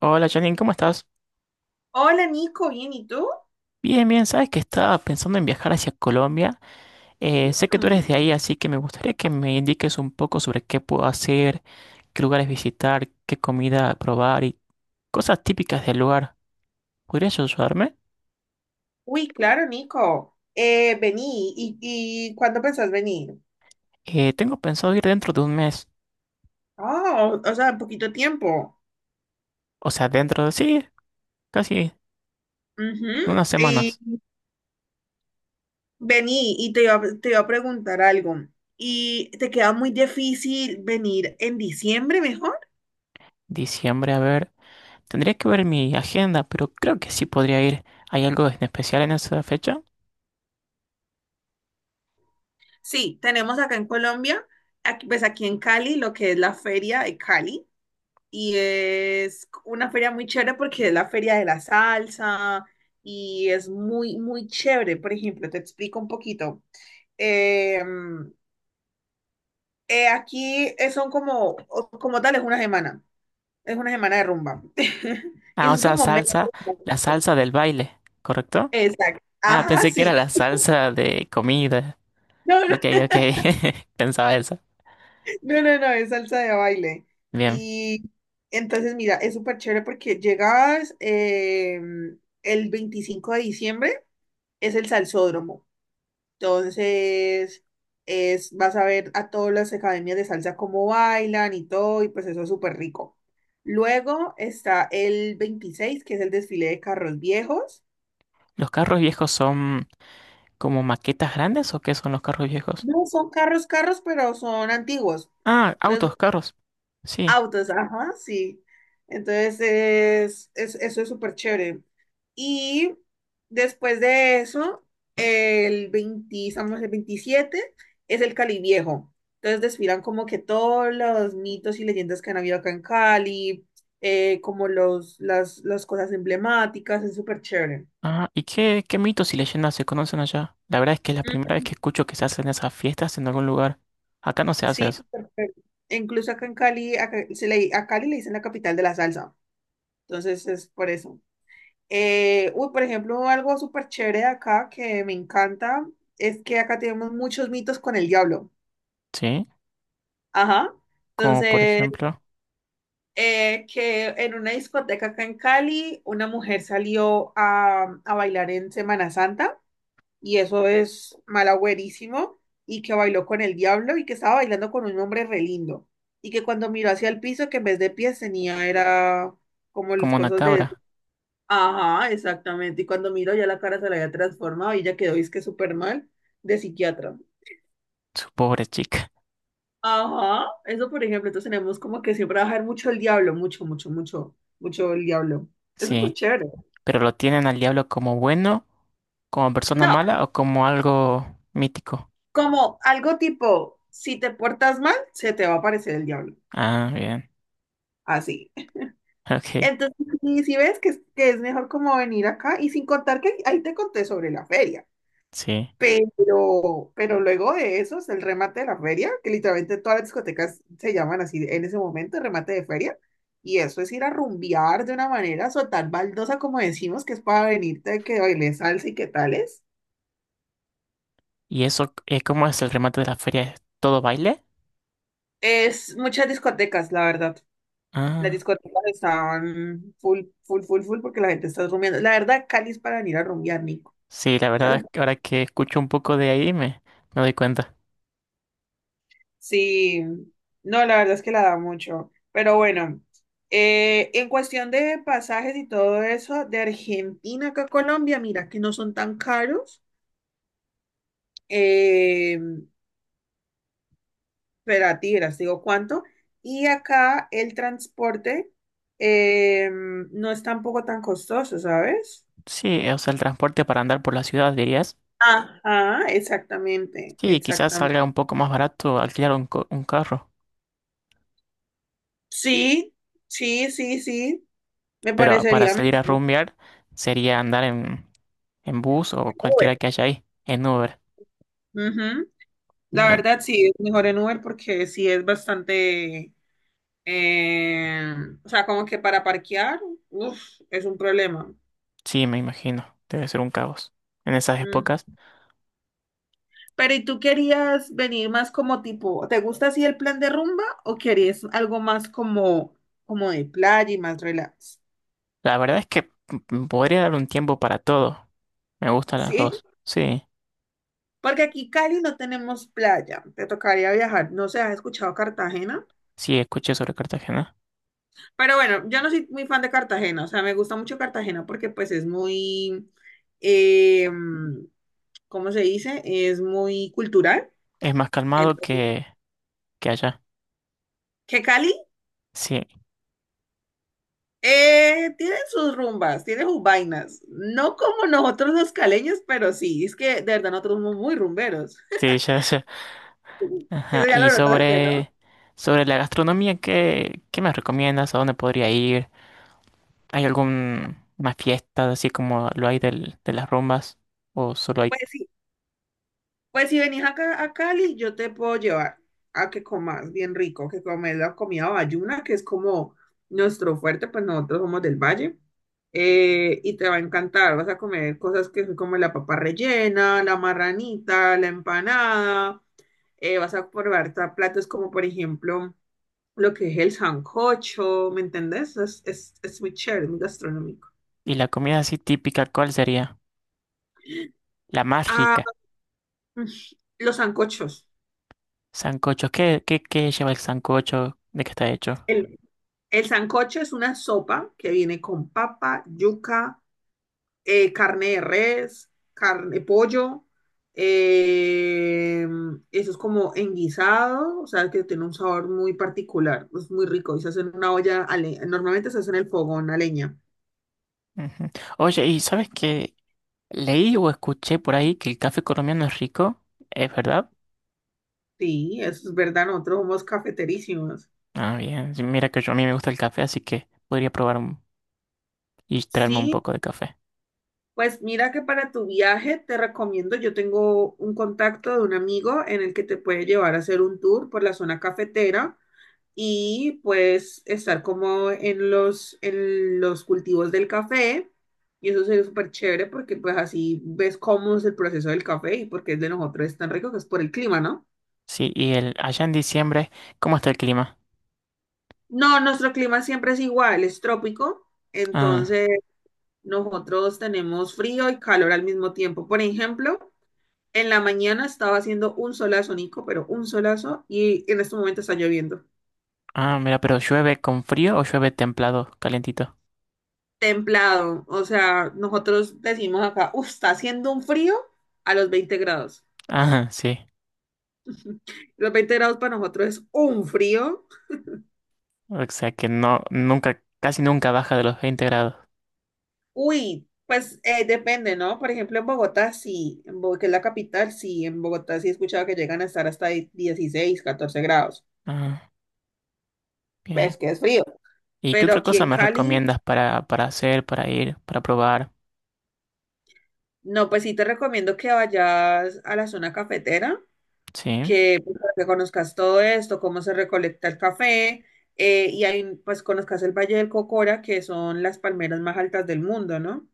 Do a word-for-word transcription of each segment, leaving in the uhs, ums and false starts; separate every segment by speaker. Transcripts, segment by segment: Speaker 1: Hola Janine, ¿cómo estás?
Speaker 2: Hola Nico, bien, ¿y tú?
Speaker 1: Bien, bien, sabes que estaba pensando en viajar hacia Colombia. Eh, sé que tú eres de
Speaker 2: Mm.
Speaker 1: ahí, así que me gustaría que me indiques un poco sobre qué puedo hacer, qué lugares visitar, qué comida probar y cosas típicas del lugar. ¿Podrías ayudarme?
Speaker 2: Uy, claro, Nico. Eh, vení, ¿y, y cuándo pensás venir?
Speaker 1: Eh, tengo pensado ir dentro de un mes,
Speaker 2: Oh, o sea, en poquito tiempo.
Speaker 1: o sea, dentro de sí, casi
Speaker 2: Ujú.
Speaker 1: unas
Speaker 2: Y
Speaker 1: semanas.
Speaker 2: vení, y te iba, a- te iba a preguntar algo. ¿Y te queda muy difícil venir en diciembre mejor?
Speaker 1: Diciembre, a ver, tendría que ver mi agenda, pero creo que sí podría ir. ¿Hay algo en especial en esa fecha?
Speaker 2: Sí, tenemos acá en Colombia, aquí- pues aquí en Cali, lo que es la feria de Cali. Y es una feria muy chévere porque es la feria de la salsa y es muy, muy chévere. Por ejemplo, te explico un poquito. Eh, eh, aquí eh, son como, o- como tal, es una semana, es una semana de rumba. Y
Speaker 1: Ah,
Speaker 2: eso
Speaker 1: o
Speaker 2: es
Speaker 1: sea,
Speaker 2: como media
Speaker 1: salsa,
Speaker 2: rumba.
Speaker 1: la salsa del baile, ¿correcto?
Speaker 2: Exacto.
Speaker 1: Ah,
Speaker 2: Ajá,
Speaker 1: pensé que era
Speaker 2: sí.
Speaker 1: la salsa de comida.
Speaker 2: No, no.
Speaker 1: Ok, ok. Pensaba eso.
Speaker 2: No, no, no, es salsa de baile.
Speaker 1: Bien.
Speaker 2: Y entonces, mira, es súper chévere porque llegabas eh, el veinticinco de diciembre, es el salsódromo. Entonces, es, vas a ver a todas las academias de salsa cómo bailan y todo, y pues eso es súper rico. Luego está el veintiséis, que es el desfile de carros viejos.
Speaker 1: ¿Los carros viejos son como maquetas grandes o qué son los carros viejos?
Speaker 2: No son carros, carros, pero son antiguos.
Speaker 1: Ah,
Speaker 2: Entonces
Speaker 1: autos, carros. Sí.
Speaker 2: autos, ajá, sí. Entonces, es, es- eso es súper chévere. Y después de eso, el veinte, estamos el veintisiete, es el Cali Viejo. Entonces, desfilan como que todos los mitos y leyendas que han habido acá en Cali, eh, como los, las, las cosas emblemáticas, es súper chévere.
Speaker 1: Ah, ¿y qué, qué mitos y leyendas se conocen allá? La verdad es que es la
Speaker 2: Mm.
Speaker 1: primera vez que escucho que se hacen esas fiestas en algún lugar. Acá no se hace
Speaker 2: Sí,
Speaker 1: eso.
Speaker 2: súper chévere. E incluso acá en Cali, acá, se le, a Cali le dicen la capital de la salsa. Entonces, es por eso. Eh, uy, por ejemplo, algo súper chévere de acá que me encanta es que acá tenemos muchos mitos con el diablo.
Speaker 1: Sí.
Speaker 2: Ajá.
Speaker 1: Como por
Speaker 2: Entonces,
Speaker 1: ejemplo,
Speaker 2: eh, que en una discoteca acá en Cali, una mujer salió a, a bailar en Semana Santa y eso es malagüerísimo y que bailó con el diablo y que estaba bailando con un hombre re lindo y que cuando miró hacia el piso, que en vez de pies tenía era como las
Speaker 1: como una
Speaker 2: cosas.
Speaker 1: cabra.
Speaker 2: Ajá, exactamente. Y cuando miro, ya la cara se la había transformado y ya quedó, es que súper mal, de psiquiatra.
Speaker 1: Su pobre chica.
Speaker 2: Ajá, eso por ejemplo, entonces tenemos como que siempre bajar mucho el diablo, mucho, mucho, mucho, mucho el diablo. Es súper
Speaker 1: Sí.
Speaker 2: chévere.
Speaker 1: Pero lo tienen al diablo como bueno, como persona
Speaker 2: No,
Speaker 1: mala o como algo mítico.
Speaker 2: como algo tipo, si te portas mal, se te va a aparecer el diablo.
Speaker 1: Ah, bien.
Speaker 2: Así.
Speaker 1: Ok,
Speaker 2: Entonces, y si ves que, es- que es mejor como venir acá, y sin contar que ahí te conté sobre la feria.
Speaker 1: sí.
Speaker 2: Pero, pero luego de eso es el remate de la feria, que literalmente todas las discotecas se llaman así en ese momento, remate de feria. Y eso es ir a rumbear de una manera soltar baldosa, como decimos, que es para venirte que bailes salsa y que tales.
Speaker 1: ¿Y eso, eh, cómo es el remate de la feria? ¿Es todo baile?
Speaker 2: Es muchas discotecas, la verdad. Las
Speaker 1: Ah,
Speaker 2: discotecas estaban full, full, full, full, porque la gente está rumbeando. La verdad, Cali es para venir a rumbear, Nico.
Speaker 1: sí, la
Speaker 2: O sea,
Speaker 1: verdad,
Speaker 2: la
Speaker 1: es que ahora que escucho un poco de ahí me, me doy cuenta.
Speaker 2: Sí, no, la verdad es que la da mucho. Pero bueno, eh, en cuestión de pasajes y todo eso, de Argentina acá a Colombia, mira que no son tan caros. Eh, pero a ti, verás, te digo cuánto. Y acá el transporte eh, no es tampoco tan costoso, ¿sabes?
Speaker 1: Sí, o sea, el transporte para andar por la ciudad, dirías.
Speaker 2: Ajá, exactamente,
Speaker 1: Sí, quizás
Speaker 2: exactamente.
Speaker 1: salga un poco más barato alquilar un, co- un carro,
Speaker 2: Sí, sí, sí, sí, me
Speaker 1: pero para
Speaker 2: parecería
Speaker 1: salir a
Speaker 2: mejor.
Speaker 1: rumbear sería andar en, en bus
Speaker 2: Que
Speaker 1: o
Speaker 2: el Uber.
Speaker 1: cualquiera que haya ahí, en Uber.
Speaker 2: Ujú. La
Speaker 1: Bien,
Speaker 2: verdad sí, es mejor en Uber porque sí es bastante, eh, o sea, como que para parquear, uf, es un problema.
Speaker 1: sí, me imagino, debe ser un caos en esas
Speaker 2: Mm.
Speaker 1: épocas.
Speaker 2: Pero ¿y tú querías venir más como tipo, ¿te gusta así el plan de rumba o querías algo más como, como de playa y más relax?
Speaker 1: La verdad es que mm, mm, podría dar un tiempo para todo, me gustan las
Speaker 2: Sí,
Speaker 1: dos, sí.
Speaker 2: porque aquí Cali no tenemos playa, te tocaría viajar, no sé, ¿has escuchado Cartagena?
Speaker 1: Sí, escuché sobre Cartagena.
Speaker 2: Pero bueno, yo no soy muy fan de Cartagena, o sea, me gusta mucho Cartagena porque pues es muy... em, ¿cómo se dice? Es muy cultural.
Speaker 1: Es más calmado
Speaker 2: Entonces,
Speaker 1: que, que allá.
Speaker 2: que Cali
Speaker 1: Sí,
Speaker 2: eh, tiene sus rumbas, tiene sus vainas. No como nosotros los caleños, pero sí, es que de verdad nosotros somos muy rumberos.
Speaker 1: sí, ya, ya. Ajá.
Speaker 2: Eso ya
Speaker 1: Y
Speaker 2: lo notaste, ¿no?
Speaker 1: sobre, sobre la gastronomía, ¿qué, qué me recomiendas? ¿A dónde podría ir? ¿Hay alguna fiesta así como lo hay del, de las rumbas? ¿O solo hay...
Speaker 2: Pues Pues si venís acá a Cali, yo te puedo llevar a que comas bien rico, que comes la comida bayuna, que es como nuestro fuerte, pues nosotros somos del valle. eh, y te va a encantar, vas a comer cosas que son como la papa rellena, la marranita, la empanada. eh, vas a probar ta- platos como, por ejemplo, lo que es el sancocho, ¿me entendés? Es, es, es muy chévere, muy gastronómico.
Speaker 1: Y la comida así típica, ¿cuál sería? La más
Speaker 2: Ah,
Speaker 1: rica.
Speaker 2: mm, los sancochos.
Speaker 1: Sancocho. ¿Qué, qué, qué lleva el sancocho? ¿De qué está hecho?
Speaker 2: El sancocho es una sopa que viene con papa, yuca, eh, carne de res, carne, pollo. eh, eso es como enguisado, o sea, que tiene un sabor muy particular, es muy rico y se hace en una olla, a le- normalmente se hace en el fogón a leña.
Speaker 1: Ujú. Oye, ¿y sabes qué? Leí o escuché por ahí que el café colombiano es rico. ¿Es verdad?
Speaker 2: Sí, eso es verdad, nosotros somos cafeterísimos.
Speaker 1: Ah, bien. Sí, mira que yo a mí me gusta el café, así que podría probar un- y traerme un
Speaker 2: Sí,
Speaker 1: poco de café.
Speaker 2: pues mira que para tu viaje te recomiendo, yo tengo un contacto de un amigo en el que te puede llevar a hacer un tour por la zona cafetera y pues estar como en los, en los, cultivos del café. Y eso sería súper chévere porque pues así ves cómo es el proceso del café y por qué el de nosotros es tan rico, que es por el clima, ¿no?
Speaker 1: Sí, y el allá en diciembre, ¿cómo está el clima?
Speaker 2: No, nuestro clima siempre es igual, es trópico,
Speaker 1: Ah,
Speaker 2: entonces nosotros tenemos frío y calor al mismo tiempo. Por ejemplo, en la mañana estaba haciendo un solazo, Nico, pero un solazo y en este momento está lloviendo.
Speaker 1: ah, mira, pero llueve con frío o llueve templado, calentito.
Speaker 2: Templado. O sea, nosotros decimos acá, uff, está haciendo un frío a los veinte grados.
Speaker 1: Ah, sí.
Speaker 2: Los veinte grados para nosotros es un frío.
Speaker 1: O sea que no, nunca, casi nunca baja de los veinte grados.
Speaker 2: Uy, pues eh, depende, ¿no? Por ejemplo, en Bogotá sí, en Bo- que es la capital, sí, en Bogotá sí he escuchado que llegan a estar hasta di- dieciséis, catorce grados.
Speaker 1: Ah, bien.
Speaker 2: Pues que es frío.
Speaker 1: ¿Y qué
Speaker 2: Pero
Speaker 1: otra
Speaker 2: aquí
Speaker 1: cosa
Speaker 2: en
Speaker 1: me
Speaker 2: Cali,
Speaker 1: recomiendas para, para hacer, para ir, para probar?
Speaker 2: no, pues sí te recomiendo que vayas a la zona cafetera,
Speaker 1: Sí.
Speaker 2: que, pues, para que conozcas todo esto, cómo se recolecta el café, eh, y ahí pues conozcas el Valle del Cocora, que son las palmeras más altas del mundo, ¿no?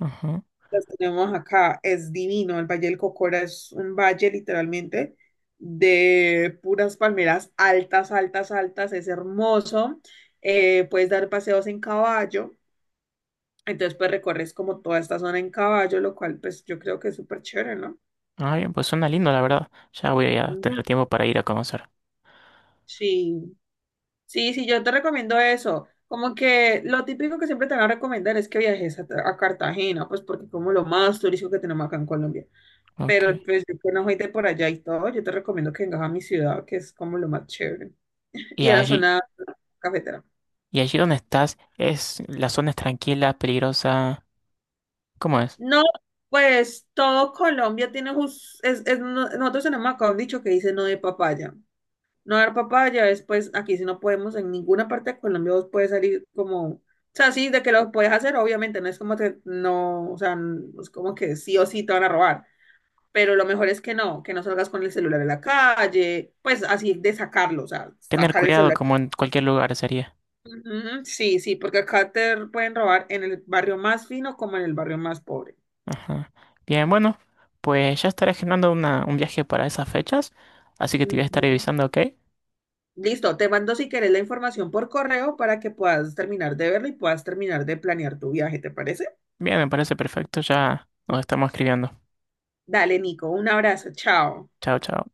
Speaker 1: Ajá.
Speaker 2: Las tenemos acá, es divino, el Valle del Cocora es un valle literalmente de puras palmeras altas, altas, altas, es hermoso, eh, puedes dar paseos en caballo, entonces pues recorres como toda esta zona en caballo, lo cual pues yo creo que es súper chévere, ¿no?
Speaker 1: Ah, bien, pues suena lindo, la verdad. Ya voy a
Speaker 2: Mm.
Speaker 1: tener tiempo para ir a conocer.
Speaker 2: Sí. Sí, sí, yo te recomiendo eso. Como que lo típico que siempre te van a recomendar es que viajes a, a Cartagena, pues porque como lo más turístico que tenemos acá en Colombia.
Speaker 1: Ok.
Speaker 2: Pero pues yo que no soy de por allá y todo, yo te recomiendo que vengas a mi ciudad, que es como lo más chévere.
Speaker 1: Y
Speaker 2: Y a la
Speaker 1: allí,
Speaker 2: zona cafetera.
Speaker 1: y allí donde estás, es la zona es tranquila, peligrosa. ¿Cómo es?
Speaker 2: No, pues todo Colombia tiene, jus- es, es- no- nosotros tenemos acá un dicho que dice no de papaya. No dar papaya, después aquí si no podemos, en ninguna parte de Colombia vos puedes salir como, o sea, sí, de que lo puedes hacer, obviamente, no es como que no, o sea, no es como que sí o sí te van a robar, pero lo mejor es que no, que no salgas con el celular a la calle, pues así de sacarlo, o sea,
Speaker 1: Tener
Speaker 2: sacar el
Speaker 1: cuidado
Speaker 2: celular.
Speaker 1: como en cualquier lugar sería.
Speaker 2: Ujú, sí, sí, porque acá te pueden robar en el barrio más fino como en el barrio más pobre.
Speaker 1: Ajá. Bien, bueno, pues ya estaré generando una, un viaje para esas fechas, así que te voy a estar
Speaker 2: Ujú.
Speaker 1: avisando, ¿ok?
Speaker 2: Listo, te mando si querés la información por correo para que puedas terminar de verla y puedas terminar de planear tu viaje, ¿te parece?
Speaker 1: Bien, me parece perfecto, ya nos estamos escribiendo.
Speaker 2: Dale, Nico, un abrazo, chao.
Speaker 1: Chao, chao.